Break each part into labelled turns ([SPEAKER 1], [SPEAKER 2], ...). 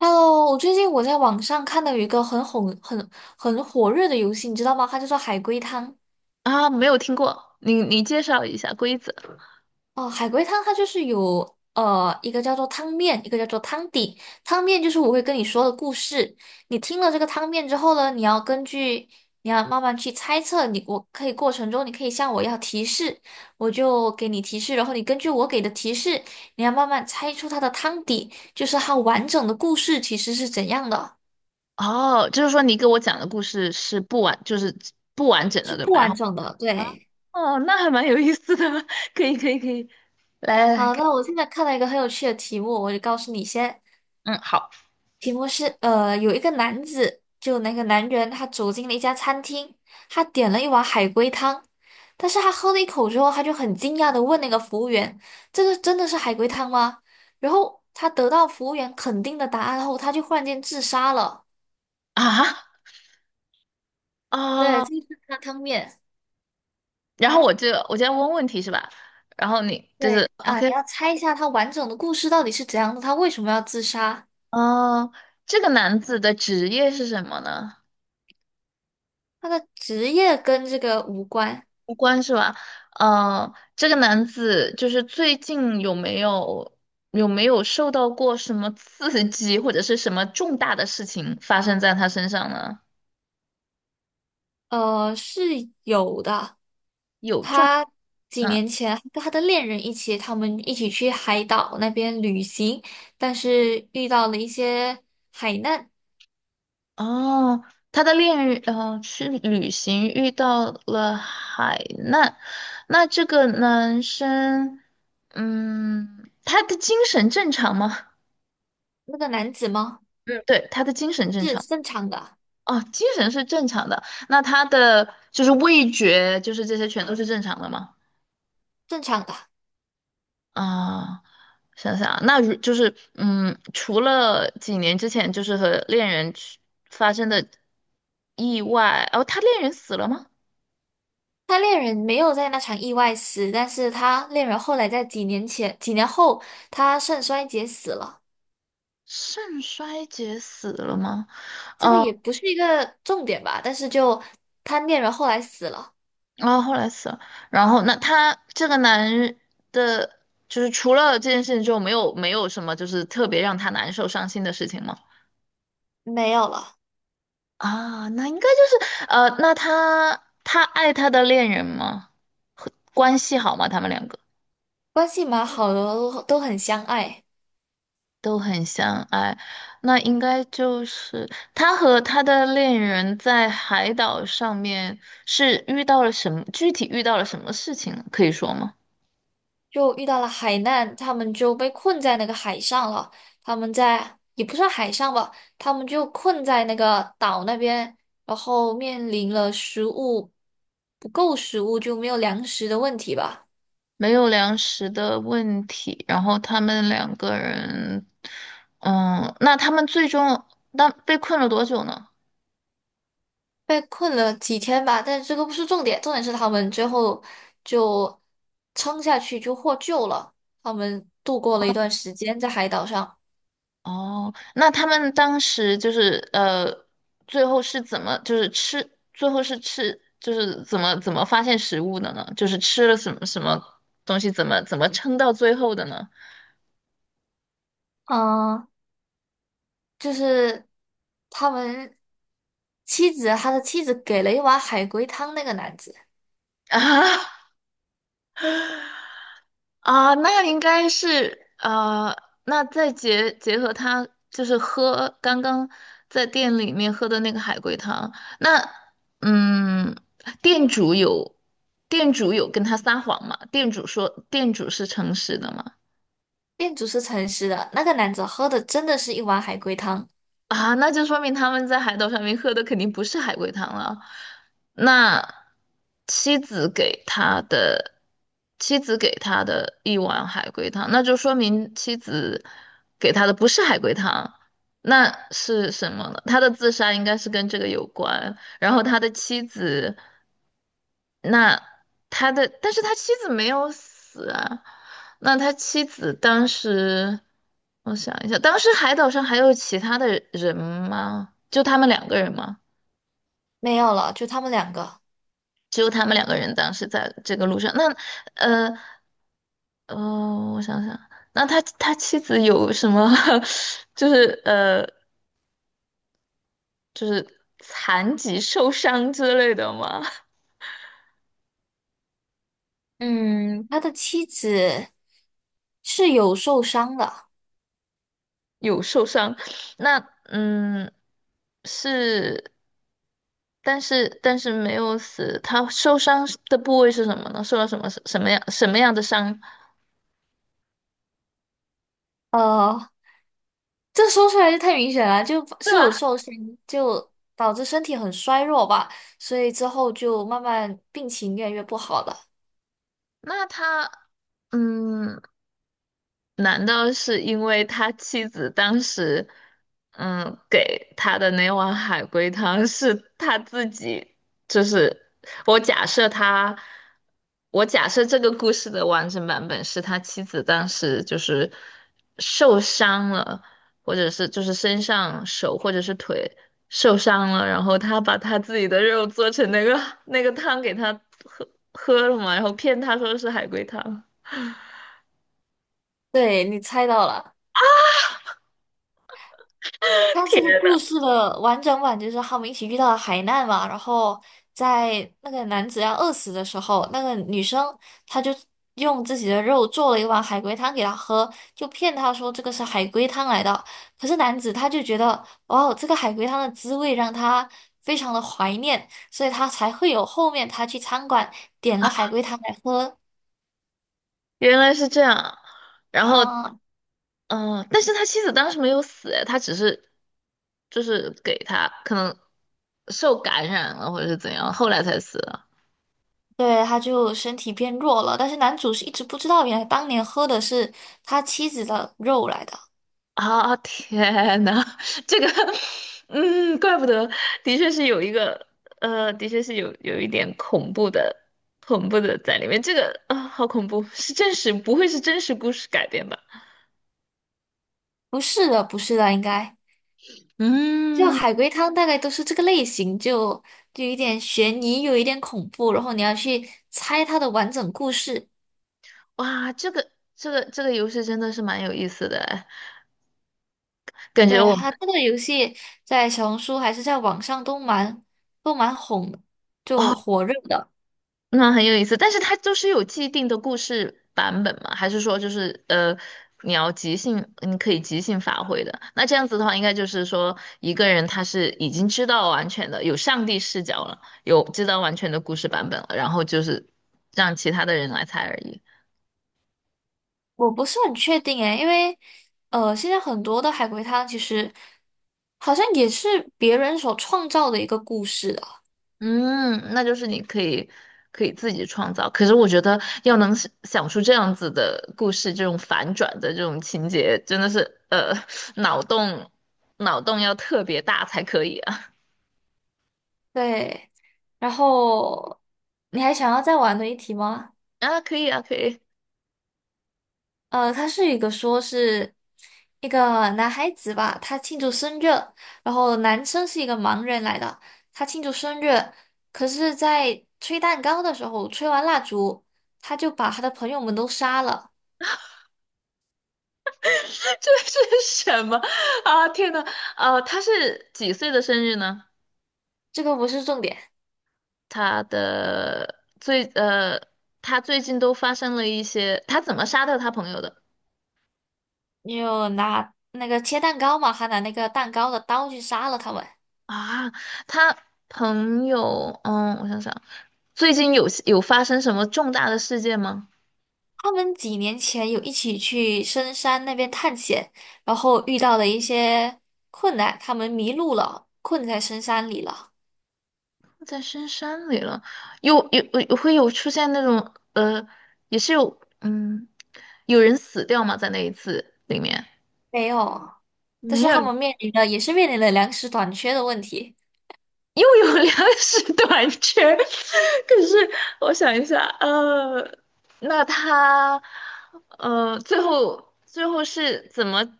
[SPEAKER 1] Hello，我最近网上看到有一个很红、很火热的游戏，你知道吗？它叫做海龟汤。
[SPEAKER 2] 啊，没有听过，你介绍一下规则。
[SPEAKER 1] 哦，海龟汤它就是有一个叫做汤面，一个叫做汤底。汤面就是我会跟你说的故事，你听了这个汤面之后呢，你要慢慢去猜测你，我可以过程中你可以向我要提示，我就给你提示，然后你根据我给的提示，你要慢慢猜出它的汤底，就是它完整的故事其实是怎样的，
[SPEAKER 2] 哦，就是说你给我讲的故事是不完，就是不完整的，
[SPEAKER 1] 是
[SPEAKER 2] 对
[SPEAKER 1] 不
[SPEAKER 2] 吧？然后，
[SPEAKER 1] 完整的，对。
[SPEAKER 2] 哦，那还蛮有意思的，可以可以可以，来来来
[SPEAKER 1] 好，
[SPEAKER 2] 看，
[SPEAKER 1] 那我现在看到一个很有趣的题目，我就告诉你先。
[SPEAKER 2] 嗯，好。
[SPEAKER 1] 题目是，有一个男子，就那个男人，他走进了一家餐厅，他点了一碗海龟汤，但是他喝了一口之后，他就很惊讶的问那个服务员：“这个真的是海龟汤吗？”然后他得到服务员肯定的答案后，他就忽然间自杀了。
[SPEAKER 2] 啊
[SPEAKER 1] 对，
[SPEAKER 2] 啊，
[SPEAKER 1] 这就是他汤面。
[SPEAKER 2] 然后我就要问问题是吧？然后你就
[SPEAKER 1] 对
[SPEAKER 2] 是
[SPEAKER 1] 啊，
[SPEAKER 2] OK。
[SPEAKER 1] 你要猜一下他完整的故事到底是怎样的，他为什么要自杀？
[SPEAKER 2] 哦，这个男子的职业是什么呢？
[SPEAKER 1] 他的职业跟这个无关。
[SPEAKER 2] 无关是吧？嗯，这个男子就是最近有没有受到过什么刺激，或者是什么重大的事情发生在他身上呢？
[SPEAKER 1] 是有的。
[SPEAKER 2] 有重，
[SPEAKER 1] 他几
[SPEAKER 2] 嗯，
[SPEAKER 1] 年前还跟他的恋人一起，他们一起去海岛那边旅行，但是遇到了一些海难。
[SPEAKER 2] 哦，他的恋人，去旅行遇到了海难，那这个男生，嗯，他的精神正常吗？
[SPEAKER 1] 那个男子吗？
[SPEAKER 2] 嗯，对，他的精神正
[SPEAKER 1] 是
[SPEAKER 2] 常。
[SPEAKER 1] 正常的，
[SPEAKER 2] 哦，精神是正常的，那他的就是味觉，就是这些全都是正常的吗？
[SPEAKER 1] 正常的。
[SPEAKER 2] 啊、想想啊那如就是嗯，除了几年之前就是和恋人去发生的意外，哦，他恋人死了吗？
[SPEAKER 1] 他恋人没有在那场意外死，但是他恋人后来在几年后，他肾衰竭死了。
[SPEAKER 2] 肾衰竭死了吗？
[SPEAKER 1] 这个也不是一个重点吧，但是就他恋人后来死了，
[SPEAKER 2] 哦，后来死了。然后那他这个男人的，就是除了这件事情之后，没有什么就是特别让他难受伤心的事情吗？
[SPEAKER 1] 没有了，
[SPEAKER 2] 啊，那应该就是那他爱他的恋人吗？和关系好吗？他们两个
[SPEAKER 1] 关系蛮好的，都很相爱。
[SPEAKER 2] 都很相爱，那应该就是他和他的恋人在海岛上面是遇到了什么，具体遇到了什么事情呢可以说吗？
[SPEAKER 1] 就遇到了海难，他们就被困在那个海上了。他们在也不算海上吧，他们就困在那个岛那边，然后面临了不够食物，就没有粮食的问题吧。
[SPEAKER 2] 没有粮食的问题，然后他们两个人，嗯，那他们最终那被困了多久呢？
[SPEAKER 1] 被困了几天吧，但是这个不是重点，重点是他们最后就撑下去，就获救了。他们度过了一段时间在海岛上。
[SPEAKER 2] 哦，那他们当时就是最后是怎么就是吃，最后是吃就是怎么发现食物的呢？就是吃了什么什么东西，怎么撑到最后的呢？
[SPEAKER 1] 嗯，就是他们妻子，他的妻子给了一碗海龟汤那个男子。
[SPEAKER 2] 啊。啊，那应该是那再结合他就是喝刚刚在店里面喝的那个海龟汤，那嗯，店主有店主有跟他撒谎吗？店主说店主是诚实的吗？
[SPEAKER 1] 店主是诚实的，那个男子喝的真的是一碗海龟汤，
[SPEAKER 2] 啊，那就说明他们在海岛上面喝的肯定不是海龟汤了。那妻子给他的妻子给他的一碗海龟汤，那就说明妻子给他的不是海龟汤，那是什么呢？他的自杀应该是跟这个有关，然后他的妻子那他的，但是他妻子没有死啊。那他妻子当时，我想一下，当时海岛上还有其他的人吗？就他们两个人吗？
[SPEAKER 1] 没有了，就他们两个。
[SPEAKER 2] 只有他们两个人当时在这个路上。那，呃，呃，我想想，那他妻子有什么，就是残疾受伤之类的吗？
[SPEAKER 1] 嗯，他的妻子是有受伤的，
[SPEAKER 2] 有受伤，那嗯是，但是没有死，他受伤的部位是什么呢？受到什么样的伤？
[SPEAKER 1] 呃，这说出来就太明显了，就
[SPEAKER 2] 对
[SPEAKER 1] 是有
[SPEAKER 2] 吧？
[SPEAKER 1] 受伤，就导致身体很衰弱吧，所以之后就慢慢病情越来越不好了。
[SPEAKER 2] 那他嗯，难道是因为他妻子当时，嗯，给他的那碗海龟汤是他自己？就是我假设他，我假设这个故事的完整版本是他妻子当时就是受伤了，或者是就是身上手或者是腿受伤了，然后他把他自己的肉做成那个那个汤给他喝喝了嘛，然后骗他说是海龟汤。
[SPEAKER 1] 对，你猜到了。他
[SPEAKER 2] 天。
[SPEAKER 1] 这个故事的完整版就是他们一起遇到了海难嘛，然后在那个男子要饿死的时候，那个女生她就用自己的肉做了一碗海龟汤给他喝，就骗他说这个是海龟汤来的。可是男子他就觉得，哦，这个海龟汤的滋味让他非常的怀念，所以他才会有后面他去餐馆点了海龟汤来喝。
[SPEAKER 2] 原来是这样，然后，
[SPEAKER 1] 嗯嗯嗯
[SPEAKER 2] 嗯，但是他妻子当时没有死，他只是就是给他可能受感染了或者是怎样，后来才死了。
[SPEAKER 1] 对，他就身体变弱了，但是男主是一直不知道，原来当年喝的是他妻子的肉来的，
[SPEAKER 2] 天呐，这个，嗯，怪不得，的确是有一个，的确是有一点恐怖的，恐怖的在里面。这个好恐怖，是真实，不会是真实故事改编吧？
[SPEAKER 1] 不是的，不是的，应该就
[SPEAKER 2] 嗯，
[SPEAKER 1] 海龟汤大概都是这个类型，就有一点悬疑，有一点恐怖，然后你要去猜它的完整故事。
[SPEAKER 2] 哇，这个游戏真的是蛮有意思的哎，感觉
[SPEAKER 1] 对，
[SPEAKER 2] 我
[SPEAKER 1] 它
[SPEAKER 2] 们。
[SPEAKER 1] 这个游戏在小红书还是在网上都蛮红的，就
[SPEAKER 2] 哦
[SPEAKER 1] 火热的。
[SPEAKER 2] 那很有意思，但是它就是有既定的故事版本嘛？还是说就是你要即兴，你可以即兴发挥的？那这样子的话，应该就是说一个人他是已经知道完全的，有上帝视角了，有知道完全的故事版本了，然后就是让其他的人来猜而已。
[SPEAKER 1] 我不是很确定诶，因为现在很多的海龟汤其实好像也是别人所创造的一个故事啊。
[SPEAKER 2] 嗯，那就是你可以可以自己创造。可是我觉得要能想出这样子的故事，这种反转的这种情节，真的是脑洞脑洞要特别大才可以啊。
[SPEAKER 1] 对，然后你还想要再玩的一题吗？
[SPEAKER 2] 啊，可以啊，可以。
[SPEAKER 1] 它是一个说是一个男孩子吧，他庆祝生日，然后男生是一个盲人来的，他庆祝生日，可是在吹蛋糕的时候，吹完蜡烛，他就把他的朋友们都杀了，
[SPEAKER 2] 这是什么啊？天呐，他是几岁的生日呢？
[SPEAKER 1] 这个不是重点。
[SPEAKER 2] 他的最他最近都发生了一些，他怎么杀掉他朋友的
[SPEAKER 1] 你有拿那个切蛋糕嘛，还拿那个蛋糕的刀去杀了他们。
[SPEAKER 2] 啊？他朋友，嗯，我想想。最近有发生什么重大的事件吗？
[SPEAKER 1] 他们几年前有一起去深山那边探险，然后遇到了一些困难，他们迷路了，困在深山里了。
[SPEAKER 2] 在深山里了，又有有会有出现那种也是有嗯，有人死掉吗？在那一次里面
[SPEAKER 1] 没有，但
[SPEAKER 2] 没
[SPEAKER 1] 是
[SPEAKER 2] 有，
[SPEAKER 1] 他们面临的粮食短缺的问题，
[SPEAKER 2] 又有粮食 短缺。可是我想一下，那他最后最后是怎么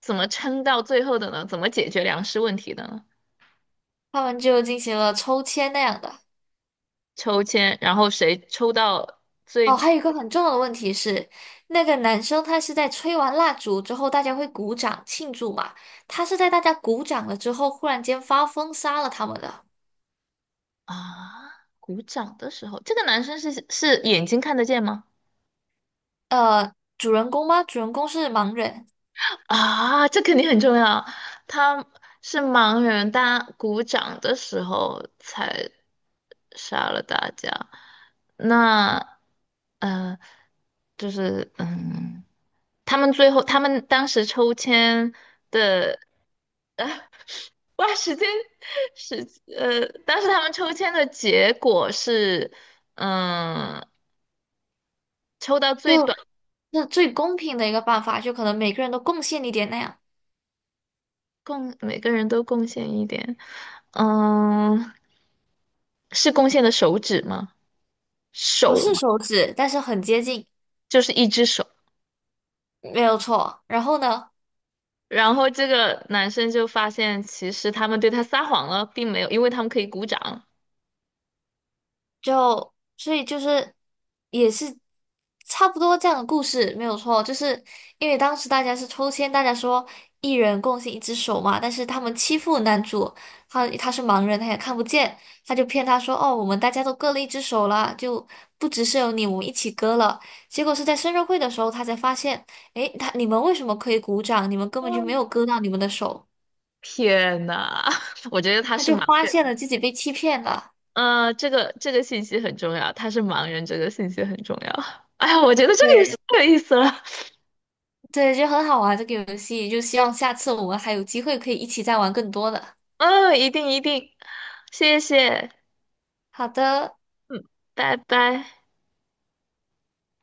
[SPEAKER 2] 怎么撑到最后的呢？怎么解决粮食问题的呢？
[SPEAKER 1] 他们就进行了抽签那样的。
[SPEAKER 2] 抽签，然后谁抽到
[SPEAKER 1] 哦，
[SPEAKER 2] 最。
[SPEAKER 1] 还有一个很重要的问题是，那个男生他是在吹完蜡烛之后，大家会鼓掌庆祝嘛？他是在大家鼓掌了之后，忽然间发疯杀了他们的。
[SPEAKER 2] 啊，鼓掌的时候，这个男生是眼睛看得见吗？
[SPEAKER 1] 呃，主人公吗？主人公是盲人，
[SPEAKER 2] 啊，这肯定很重要。他是盲人，他鼓掌的时候才杀了大家。那，呃，就是嗯，他们最后他们当时抽签的，哇，时间时当时他们抽签的结果是，嗯，抽到最
[SPEAKER 1] 就
[SPEAKER 2] 短。
[SPEAKER 1] 那最公平的一个办法，就可能每个人都贡献一点那样，
[SPEAKER 2] 贡，每个人都贡献一点。嗯，是贡献的手指吗？
[SPEAKER 1] 不
[SPEAKER 2] 手
[SPEAKER 1] 是
[SPEAKER 2] 嘛，
[SPEAKER 1] 手指，但是很接近，
[SPEAKER 2] 就是一只手。
[SPEAKER 1] 没有错。然后呢？
[SPEAKER 2] 然后这个男生就发现，其实他们对他撒谎了，并没有，因为他们可以鼓掌。
[SPEAKER 1] 就所以就是也是差不多这样的故事，没有错。就是因为当时大家是抽签，大家说一人贡献一只手嘛，但是他们欺负男主，他是盲人，他也看不见，他就骗他说哦，我们大家都割了一只手了，就不只是有你，我们一起割了。结果是在生日会的时候，他才发现，诶，他你们为什么可以鼓掌？你们根本就没有割到你们的手，
[SPEAKER 2] 天呐，我觉得他
[SPEAKER 1] 他
[SPEAKER 2] 是
[SPEAKER 1] 就
[SPEAKER 2] 盲，
[SPEAKER 1] 发现了自己被欺骗了。
[SPEAKER 2] 这个信息很重要，他是盲人，这个信息很重要。哎呀，我觉得这个游戏
[SPEAKER 1] 对。
[SPEAKER 2] 太有意思了，
[SPEAKER 1] 对，就很好玩这个游戏，就希望下次我们还有机会可以一起再玩更多的。
[SPEAKER 2] 嗯，一定一定，谢谢，
[SPEAKER 1] 好的，
[SPEAKER 2] 拜拜。